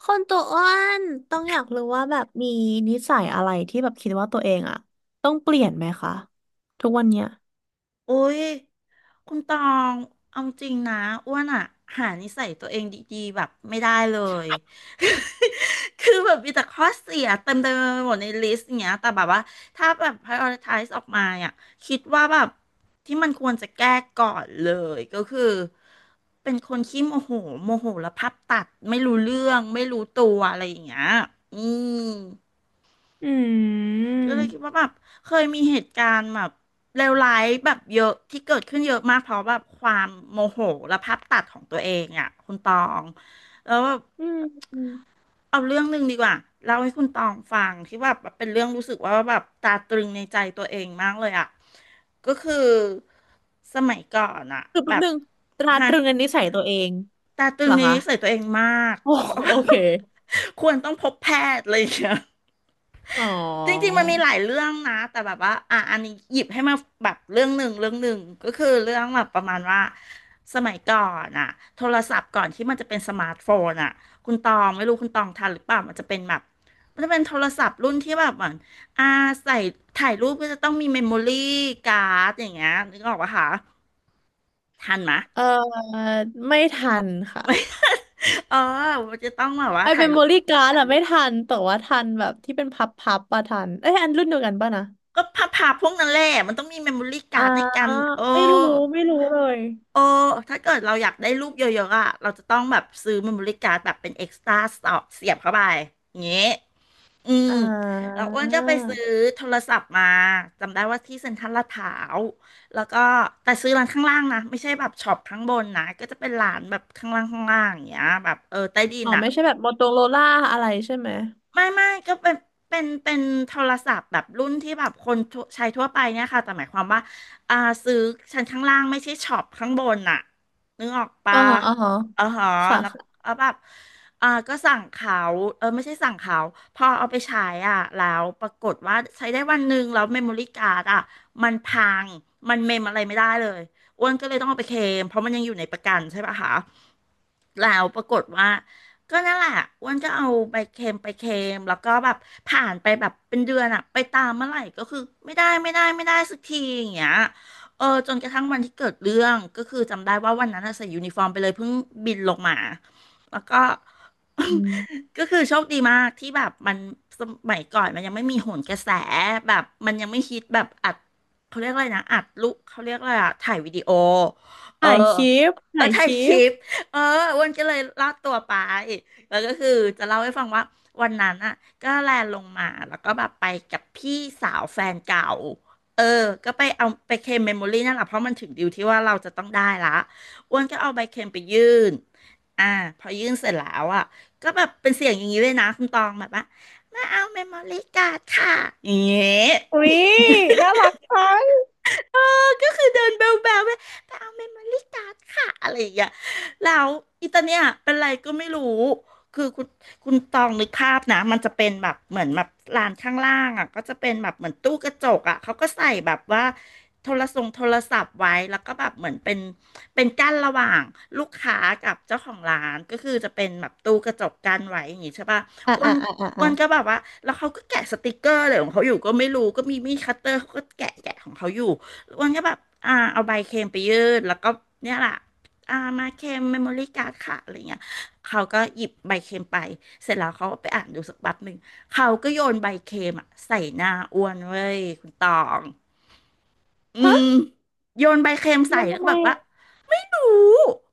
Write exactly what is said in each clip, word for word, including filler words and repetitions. คนตัวอ้วนต้องอยากรู้ว่าแบบมีนิสัยอะไรที่แบบคิดว่าตัวเองอะต้องเปลี่ยนไหมคะทุกวันเนี้ยโอ้ย คุณตอง เอาจริงนะอ้วนอะหานิสัยตัวเองดีๆแบบไม่ได้เลย คือแบบมีแต่ข้อเสียเต็มเต็มไปหมดในลิสต์อย่างเงี้ยแต่แบบว่าถ้าแบบ prioritize ออกมาอ่ะคิดว่าแบบที่มันควรจะแก้ก่อนเลยก็คือเป็นคนขี้โมโหโมโหแล้วพับตัดไม่รู้เรื่องไม่รู้ตัวอะไรอย่างเงี้ยอืม อืมก็เลยคิดว่าแบบเคยมีเหตุการณ์แบบเลวร้ายแบบเยอะที่เกิดขึ้นเยอะมากเพราะแบบความโมโหและภาพตัดของตัวเองอ่ะคุณตองแล้วแบบอืมอืมเอาเรื่องหนึ่งดีกว่าเล่าให้คุณตองฟังที่แบบเป็นเรื่องรู้สึกว่าแบบตาตรึงในใจตัวเองมากเลยอ่ะก็คือสมัยก่อนอ่ะคือแป๊แบบบนึงตราตฮะรึงอันนิสัยตัวเองตาตรึเหรงอในคะนิสัยตัวเองมาก โอ้โอเค ควรต้องพบแพทย์อะไรอย่างเงี้ย อ๋อจริงๆ มันมีหลายเรื่องนะแต่แบบว่า อ่ะอันนี้หยิบให้มาแบบเรื่องหนึ่งเรื่องหนึ่งก็คือเรื่องแบบประมาณว่าสมัยก่อนอ่ะโทรศัพท์ก่อนที่มันจะเป็นสมาร์ทโฟนอ่ะคุณตองไม่รู้คุณตองทันหรือเปล่ามันจะเป็นแบบมันจะเป็นโทรศัพท์รุ่นที่แบบเหมือนอ่าใส่ถ่ายรูปก็จะต้องมีเมมโมรี่การ์ดอย่างเงี้ยนึกออกปะคะทันไหมะ เออไม่ทันค่ะ ไม่ เออมันจะต้องแบบว่าไอเป็ถ่ายนโมรูปลี่การ์ดอะไม่ทันแต่ว่าทันแบบที่เป็นพับพับปะทันเอ้ยอันรุ่นเดียวกันปะนะก็พับๆพวกนั้นแหละมันต้องมีเมมโมรี่อ่าการ์ดในการเออ ไม่รู้ไม่รู้เลยโอ้ถ้าเกิดเราอยากได้รูปเยอะๆอ่ะเราจะต้องแบบซื้อเมมโมรี่การ์ดแบบเป็นเอ็กซ์ตร้าเสียบเข้าไปอย่างเงี้ยอืมอ่า แล้วอ้วนก็ไปซื้อโทรศัพท์มาจำได้ว่าที่เซ็นทรัลลาดพร้าวแล้วก็แต่ซื้อร้านข้างล่างนะไม่ใช่แบบช็อปข้างบนนะ ก็จะเป็นร้านแบบข้างล่างข้างล่างอย่างเงี้ยแบบเออใต้ดินอ๋ออ่ะ ไม่ใช่แบบโมโตโรล่าอะไรใช่ไหมไม่ไม่ก็เป็นเป็นเป็นโทรศัพท์แบบรุ่นที่แบบคนทั่วใช้ทั่วไปเนี่ยค่ะแต่หมายความว่าอ่าซื้อชั้นข้างล่างไม่ใช่ช็อปข้างบนน่ะนึกออกอ่าปะฮะอ่าฮะเออฮะค่ะแล้วค่ะเอาแบบอ่าก็สั่งเขาเออไม่ใช่สั่งเขาพอเอาไปใช้อ่ะแล้วปรากฏว่าใช้ได้วันหนึ่งแล้วเมมโมรี่การ์ดอ่ะมันพังมันเมมอะไรไม่ได้เลยอ้วนก็เลยต้องเอาไปเคลมเพราะมันยังอยู่ในประกันใช่ปะคะแล้วปรากฏว่า ก็นั่นแหละอ้วนก็เอาไปเค็มไปเค็มแล้วก็แบบผ่านไปแบบเป็นเดือนอะไปตามเมื่อไหร่ก็คือไม่ได้ไม่ได้ไม่ได้สักทีอย่างเงี้ยเออจนกระทั่งวันที่เกิดเรื่องก็คือจำได้ว่าวันนั้นอะใส่ยูนิฟอร์มไปเลยเพิ่งบินลงมาแล้วก็ อืม ก็คือโชคดีมากที่แบบมันสมัยก่อนมันยังไม่มีโหนกระแสแบบมันยังไม่ฮิตแบบอัดเขาเรียกอะไรนะอัดลูกเขาเรียกอะไรอะถ่ายวิดีโอเออถ่ายคลิปเออถ่ายคถ่ายลิคลิปป เอออ้วันก็เลยลากตัวไปแล้วก็คือจะเล่าให้ฟังว่าวันนั้นอ่ะก็แลนลงมาแล้วก็แบบไปกับพี่สาวแฟนเก่าเออก็ไปเอาไปเคลมเมมโมรี่นั่นแหละเพราะมันถึงดิวที่ว่าเราจะต้องได้ละอ้วนก็เอาใบเคลมไปยื่นอ่าพอยื่นเสร็จแล้วอ่ะก็แบบเป็นเสียงอย่างนี้เลยนะคุณตองแบบว่ามาเอาเมมโมรี่การ์ดค่ะอย่างเงี้อุ๊ย ยน่ารักจังก็คือเดินแบวแบวไปไปเอาเมมโมรี่การ์ดค่ะอะไรอย่างเงี้ยแล้วอีตาเนี่ยเป็นไรก็ไม่รู้ คือคุณคุณตองนึกภาพนะมันจะเป็นแบบเหมือนแบบลานข้างล่างอ่ะก็จะเป็นแบบเหมือนตู้กระจกอ่ะเขาก็ใส่แบบว่าโทรศัพท์โทรศัพท์ไว้แล้วก็แบบเหมือนเป็นเป็นกั้นระหว่างลูกค้ากับเจ้าของร้าน ก็คือจะเป็นแบบตู้กระจกกั้นไว้อย่างงี้ใช่ป่ะอ่ะอ้วอ่ะนอ่ะอ่ะอ้อ่ะวนก็แบบว่าแล้วเขาก็แกะสติกเกอร์อะไรของเขาอยู่ก็ไม่รู้ก็มีมีดคัตเตอร์เขาก็แกะแกะของเขาอยู่ อ้วนก็แบบอ่าเอาใบเค็มไปยื่นแล้วก็เนี่ยแหละอ่ามาเค็มเมมโมรี่การ์ดค่ะอะไรเงี้ยเขาก็หยิบใบเค็มไป เสร็จแล้วเขาก็ไปอ่านดูสักแป๊บหนึ่ง เขาก็โยนใบเค็มอะใส่หน้าอ้วนเว้ยคุณตอง อืฮะมโยนใบเค็มโยใส่นแล้วทำก็ไมแบบว่าอะไม่รู้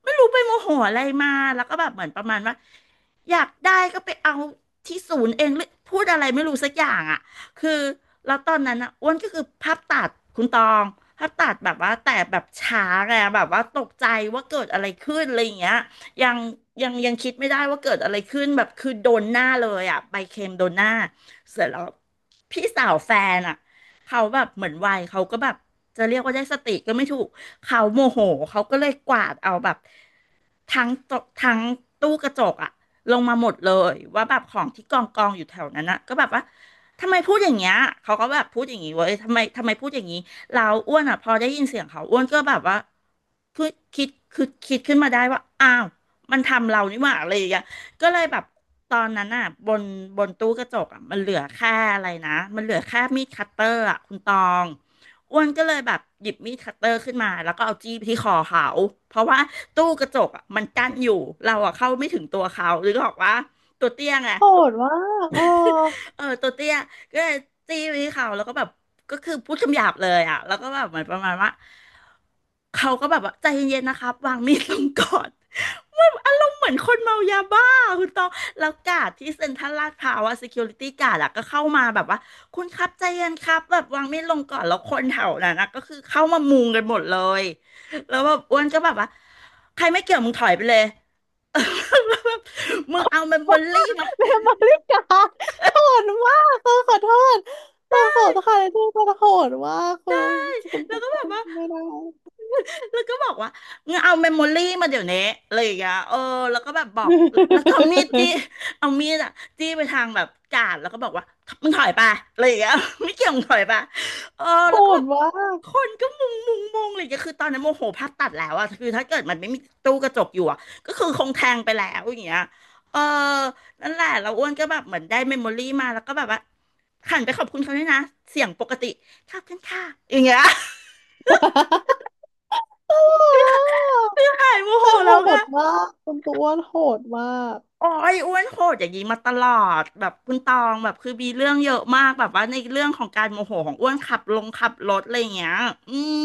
ไม่รู้ไปโมโหอะไรมาแล้วก็แบบเหมือนประมาณว่าอยากได้ก็ไปเอาที่ศูนย์เองหรือพูดอะไรไม่รู้สักอย่างอ่ะคือแล้วตอนนั้นอ่ะอ้วนก็คือภาพตัดคุณตองภาพตัดแบบว่าแต่แบบช้าไงแบบว่าตกใจว่าเกิดอะไรขึ้นอะไรอย่างเงี้ยยังยังยังคิดไม่ได้ว่าเกิดอะไรขึ้นแบบคือโดนหน้าเลยอ่ะใบเค็มโดนหน้าเสร็จแล้วพี่สาวแฟนอ่ะ เขาแบบเหมือนวัยเขาก็แบบจะเรียกว่าได้สติก็ไม่ถูกเขาโมโหเขาก็เลยกวาดเอาแบบทั้งตทั้งตู้กระจกอะลงมาหมดเลยว่าแบบของที่กองกองอยู่แถวนั้นนะก็แบบว่าทำไมพูดอย่างเงี้ยเขาก็แบบพูดอย่างงี้เว้ยทำไมทำไมพูดอย่างงี้เราอ้วนอ่ะพอได้ยินเสียงเขาอ้วนก็แบบว่าคือคิดคือคิดขึ้นมาได้ว่าอ้าวมันทำเรานี่หว่าอะไรอย่างเงี้ย ก็เลยแบบตอนนั้นอ่ะบนบนตู้กระจกอ่ะมันเหลือแค่อะไรนะมันเหลือแค่มีดคัตเตอร์อ่ะคุณตองอ้วนก็เลยแบบหยิบมีดคัตเตอร์ขึ้นมาแล้วก็เอาจี้ไปที่คอเขาเพราะว่าตู้กระจกอ่ะมันกั้นอยู่เราอ่ะเข้าไม่ถึงตัวเขาหรือบอกว่าตัวเตี้ยไง โหดว่ากเออเออตัวเตี้ยก็เลยตีไปที่เขาแล้วก็แบบก็คือพูดคำหยาบเลยอ่ะแล้วก็แบบเหมือนประมาณว่าเขาก็แบบว่าใจเย็นๆนะครับวางมีดลงก่อนมันอารมณ์เหมือนคนเมายาบ้าคุณตองแล้วกาดที่เซ็นทรัลลาดพร้าวอะ security guard อะก็เข้ามาแบบว่าคุณครับใจเย็นครับแบบวางมีดลงก่อนแล้วคนแถวนั้นนะก็คือเข้ามามุงกันหมดเลยแล้วแบบอ้วนก็แบบว่าใครไม่เกี่ยวมึงถอยไปเลย มึงเอาเมมโมรี่มา เบลมาริกาโหดมากเออขอโทษต้องขอโทษค่ะที่ต้องโหดว่ากคุณคุณคแล้วก็ุแบบณว่า ไม่ได้ แล้วก็บอกว่างั้นเอาเมมโมรี่มาเดี๋ยวนี้อะไรอย่างเงี้ยเออแล้วก็แบบบอกแล้วก็เอามีดจี้ เอามีดอะจี้ไปทางแบบกาดแล้วก็บอกว่ามึงถอยไปอะไรอย่างเงี้ย ไม่เกี่ยวมึงถอยไปเออโหแล้วก็แบดบว่าคนก็มุงมุงมุงอะไรอย่างเี้ยก็คือตอนนั้นโมโหพัดตัดแล้วอะคือถ้าเกิดมันไม่มีตู้กระจกอยู่อะก็คือคงแทงไปแล้วอย่างเงี้ยเออนั่นแหละเราอ้วนก็แบบเหมือนได้เมมโมรี่มาแล้วก็แบบว่าหันไปขอบคุณเขาด้วยนะเสียงปกติขอบคุณค่ะอย่างเงี้ย ก ใช่โม ตโหลแล้กวอะแต่โหก็ดมากคุณตัวอ้วนโหดมาก โอ้ยอ้วนโหดอย่างนี้มาตลอดแบบคุณตองแบบคือมีเรื่องเยอะมากแบบว่าในเรื่องของการโมโหของอ้วนขับลงขับรถอะไรอย่างเงี้ยอืม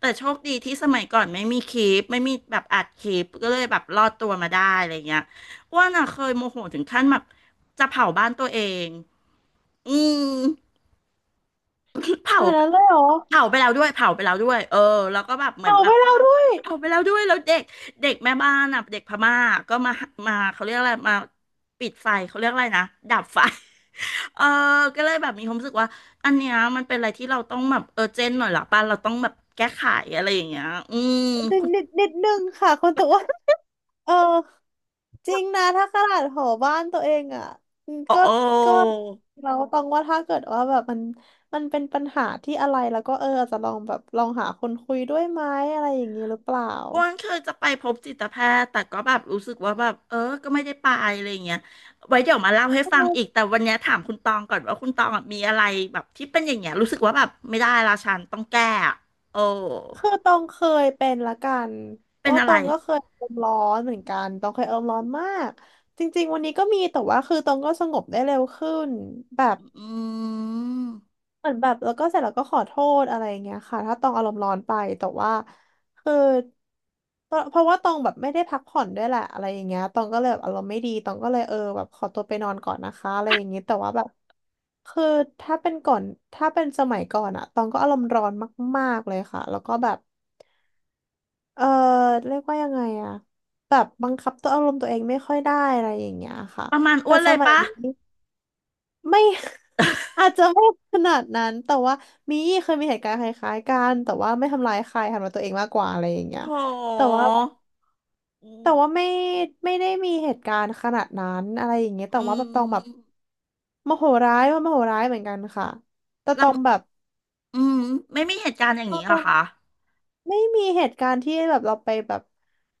แต่โชคดีที่สมัยก่อนไม่มีคลิปไม่มีแบบอัดคลิปก็เลยแบบรอดตัวมาได้อะไรอย่างเงี้ยอ้วนอ่ะเคยโมโหถึงขั้นแบบจะเผาบ้านตัวเองอืม ขเผานาดนั้นเลยเหรอเผาไปแล้วด้วยเผาไปแล้วด้วยเออแล้วก็แบบเหมือนเอาแบไป่บเล่าด้วยเผาไปแล้วด้วยแล้วเด็กเด็กแม่บ้านอ่ะเด็กพม่าก็มามาเขาเรียกอะไรมาปิดไฟเขาเรียกอะไรนะดับไฟ เออก็เลยแบบมีความรู้สึกว่าอันเนี้ยมันเป็นอะไรที่เราต้องแบบเออเจนหน่อยละป่ะเราต้องแบบแก้ไขอะไรอย่างเงี้ยอืมนิดคุณนิดนิดนึงค่ะคนตัวอ้วนเออ จริงนะถ้าขนาดหอบ้านตัวเองอ่ะอืมก็โอ้ ก็เราต้องว่าถ้าเกิดว่าแบบมันมันเป็นปัญหาที่อะไรแล้วก็เอออาจจะลองแบบลองหาคนคุยด้วยไหมอะไรอย่างนี้หรือเปล่าอ้วนเคยจะไปพบจิตแพทย์แต่ก็แบบรู้สึกว่าแบบเออก็ไม่ได้ไปอะไรอย่างเงี้ยไว้เดี๋ยวมาเล่าให้ฟังอีกเออแต่วันเนี้ยถามคุณตองก่อนว่าคุณตองอะมีอะไรแบบที่เป็นอย่างเงี้ยรู้สึกว่าแบบไม่ได้ละฉันต้องแก้อะโอ้คือตองเคยเป็นละกันเป็นว่าอะตไรองก็เคยอารมณ์ร้อนเหมือนกันตองเคยอารมณ์ร้อนมากจริงๆวันนี้ก็มีแต่ว่าคือตองก็สงบได้เร็วขึ้นแบบ อืมเหมือนแบบแล้วก็เสร็จแล้วก็ขอโทษอะไรอย่างเงี้ยค่ะถ้าตองอารมณ์ร้อนไปแต่ว่าคือเพราะเพราะว่าตองแบบไม่ได้พักผ่อนด้วยแหละอะไรอย่างเงี้ยตองก็เลยแบบอารมณ์ไม่ดีตองก็เลยเออแบบขอตัวไปนอนก่อนนะคะอะไรอย่างงี้แต่ว่าแบบคือถ้าเป็นก่อนถ้าเป็นสมัยก่อนอะตองก็อารมณ์ร้อนมากๆเลยค่ะแล้วก็แบบเออเรียกว่ายังไงอะแบบบังคับตัวอารมณ์ตัวเองไม่ค่อยได้อะไรอย่างเงี้ยค่ะประมาณอ้แต่วนสเลยมัยปะนี้ ไม่ อาจจะไม่ขนาดนั้นแต่ว่ามีเคยมีเหตุการณ์คล้ายๆกันแต่ว่าไม่ทำร้ายใครทำร้ายตัวเองมากกว่าอะไรอย่างเงี้ยโแต่ถว่าอืมแต่ว่าไม่ไม่ได้มีเหตุการณ์ขนาดนั้นอะไรอย่างเงี้ยแต่อืว่าแบบตองแบบมโมโหร้ายว่าโมโหร้ายเหมือนกันค่ะแต่ตองแบเราบอืมไม่มีเหตุการณ์อย่างก็นี้เหรจะอคะไม่มีเหตุการณ์ที่แบบเราไปแบบ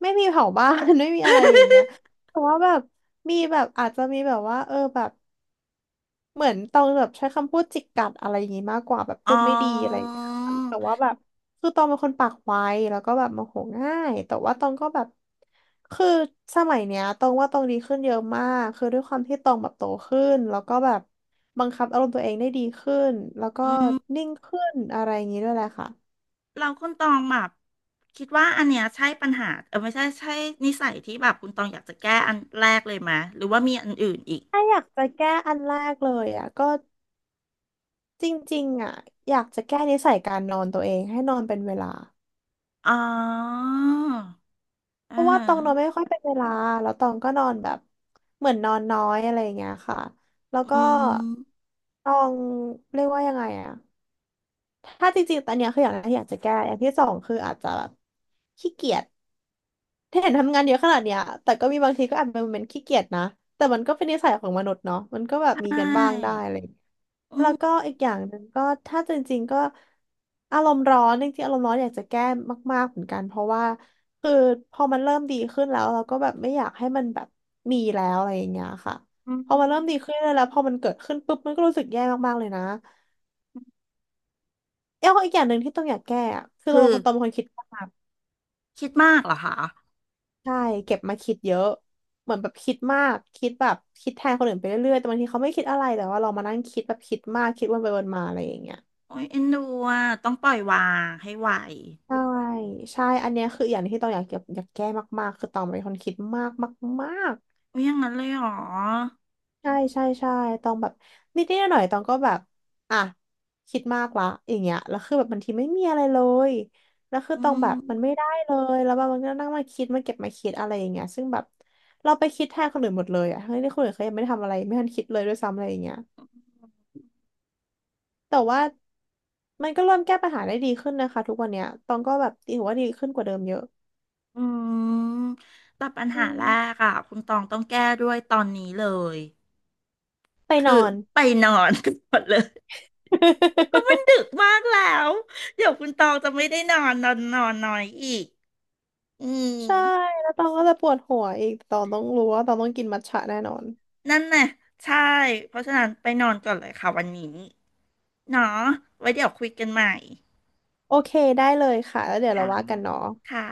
ไม่มีเผาบ้าน ไม่มีอะไรอย่างเงี้ยแต่ว่าแบบมีแบบอาจจะมีแบบว่าเออแบบ เหมือนตองแบบใช้คำพูดจิกกัดอะไรอย่างงี้มากกว่าแบบพูอ๋ดไม่ดีอะไรออย่างเงี้ยค่ะแต่ว่าแบบคือตองเป็นคนปากไวแล้วก็แบบโมโหง่ายแต่ว่าตองก็แบบคือสมัยเนี้ยตองว่าตองดีขึ้นเยอะมากคือด้วยความที่ตองแบบโตขึ้นแล้วก็แบบบังคับอารมณ์ตัวเองได้ดีขึ้นแล้วก็อืม นิ่งขึ้นอะไรอย่างงี้ด้วยแหละค่ะเราคุณตองแบบคิดว่าอันเนี้ยใช่ปัญหาเออไม่ใช่ใช่นิสัยที่แบบคุณตองอยากจะแก้อันแรกเลยไหมหรือว่ามีอันอื่นอีกถ้าอยากจะแก้อันแรกเลยอ่ะก็จริงๆอ่ะอยากจะแก้นิสัยการนอนตัวเองให้นอนเป็นเวลา อ๋อเพอ่าราะว่าฮะตองนอนไม่ค่อยเป็นเวลาแล้วตองก็นอนแบบเหมือนนอนน้อยอะไรอย่างเงี้ยค่ะแล้วก็อืมตองเรียกว่ายังไงอะถ้าจริงๆตอนเนี้ยคืออย่างแรกที่อยากจะแก้อย่างที่สองคืออาจจะแบบขี้เกียจ เห็นทำงานเยอะขนาดเนี้ยแต่ก็มีบางทีก็อาจเป็นโมเมนต์ขี้เกียจนะแต่มันก็เป็นนิสัยของมนุษย์เนาะมันก็แบบใชมีกันบ้างได้่อะไรอย่างเงี้ยอืแล้วมก็อีกอย่างหนึ่งก็ถ้าจริงๆก็อารมณ์ร้อนจริงๆอารมณ์ร้อนอยากจะแก้มากๆเหมือนกันเพราะว่าคือพอมันเริ่มดีขึ้นแล้วเราก็แบบไม่อยากให้มันแบบมีแล้วอะไรอย่างเงี้ยค่ะอืพอมันเริ่มดีมขึ้นแล้วพอมันเกิดขึ้นปุ๊บมันก็รู้สึกแย่มากๆเลยนะเอ้ยอีกอย่างหนึ่งที่ต้องอยากแก้อะคือเราคืเป็อนคนตอนเป็นคนคิดมาก คิดมากเหรอคะใช่เก็บมาคิดเยอะเหมือนแบบคิดมากคิดแบบคิดแทนคนอื่นไปเรื่อยๆ แต่บางทีเขาไม่คิดอะไรแต่ว่าเรามานั่งคิดแบบคิดมากคิดวนไปวนมาอะไรอย่างเงี้ยโอ้ยเอ็นดูอ่ะต้องปล่อยวางให้ไหวใช่ใช่อันเนี้ยคืออย่างที่ตองอยากเก็บอยากแก้มากๆคือตองเป็นคนคิดมากมาก โอ้ยอย่างนั้นเลยเหรอใช่ใช่ใช่ตองแบบนิดนิดหน่อยๆตองก็แบบอ่ะคิดมากละอย่างเงี้ยแล้วคือแบบบางทีไม่มีอะไรเลยแล้วคืออืตองแบมบมันไม่ได้เลยแล้วแบบมันก็นั่งมาคิดมาเก็บมาคิดอะไรอย่างเงี้ยซึ่งแบบเราไปคิดแทนคนอื่นหมดเลยอ่ะทั้งที่คนอื่นเขายังไม่ได้ทำอะไรไม่ทันคิดเลยด้วยซ้ำอะไรอย่างเงี้ยแต่ว่ามันก็เริ่มแก้ปัญหาได้ดีขึ้นนะคะทุกวันเนี้ยตองก็แบบถือว่าดีขึ้นกว่าเดิมเยอะอืมแต่ปัญอืหาแรมกอ่ะคุณตองต้องแก้ด้วยตอนนี้เลย ไปนอคือน ไปนอน กันหมดเลยเพราะมันดึกมากแล้วเดี๋ยวคุณตองจะไม่ได้นอนนอนนอนน้อยอีกอืม ใช่แล้วตองก็จะปวดหัวอีกตองต้องรู้ว่าตองต้องกินมัทฉะแน่นอน นั่นน่ะใช่เพราะฉะนั้นไปนอนก่อนเลยค่ะวันนี้เนาะไว้เดี๋ยวคุยกันใหม่โอเคได้เลยค่ะแล้วเดี๋ยวเราค่ะว่ากันเนาะค่ะ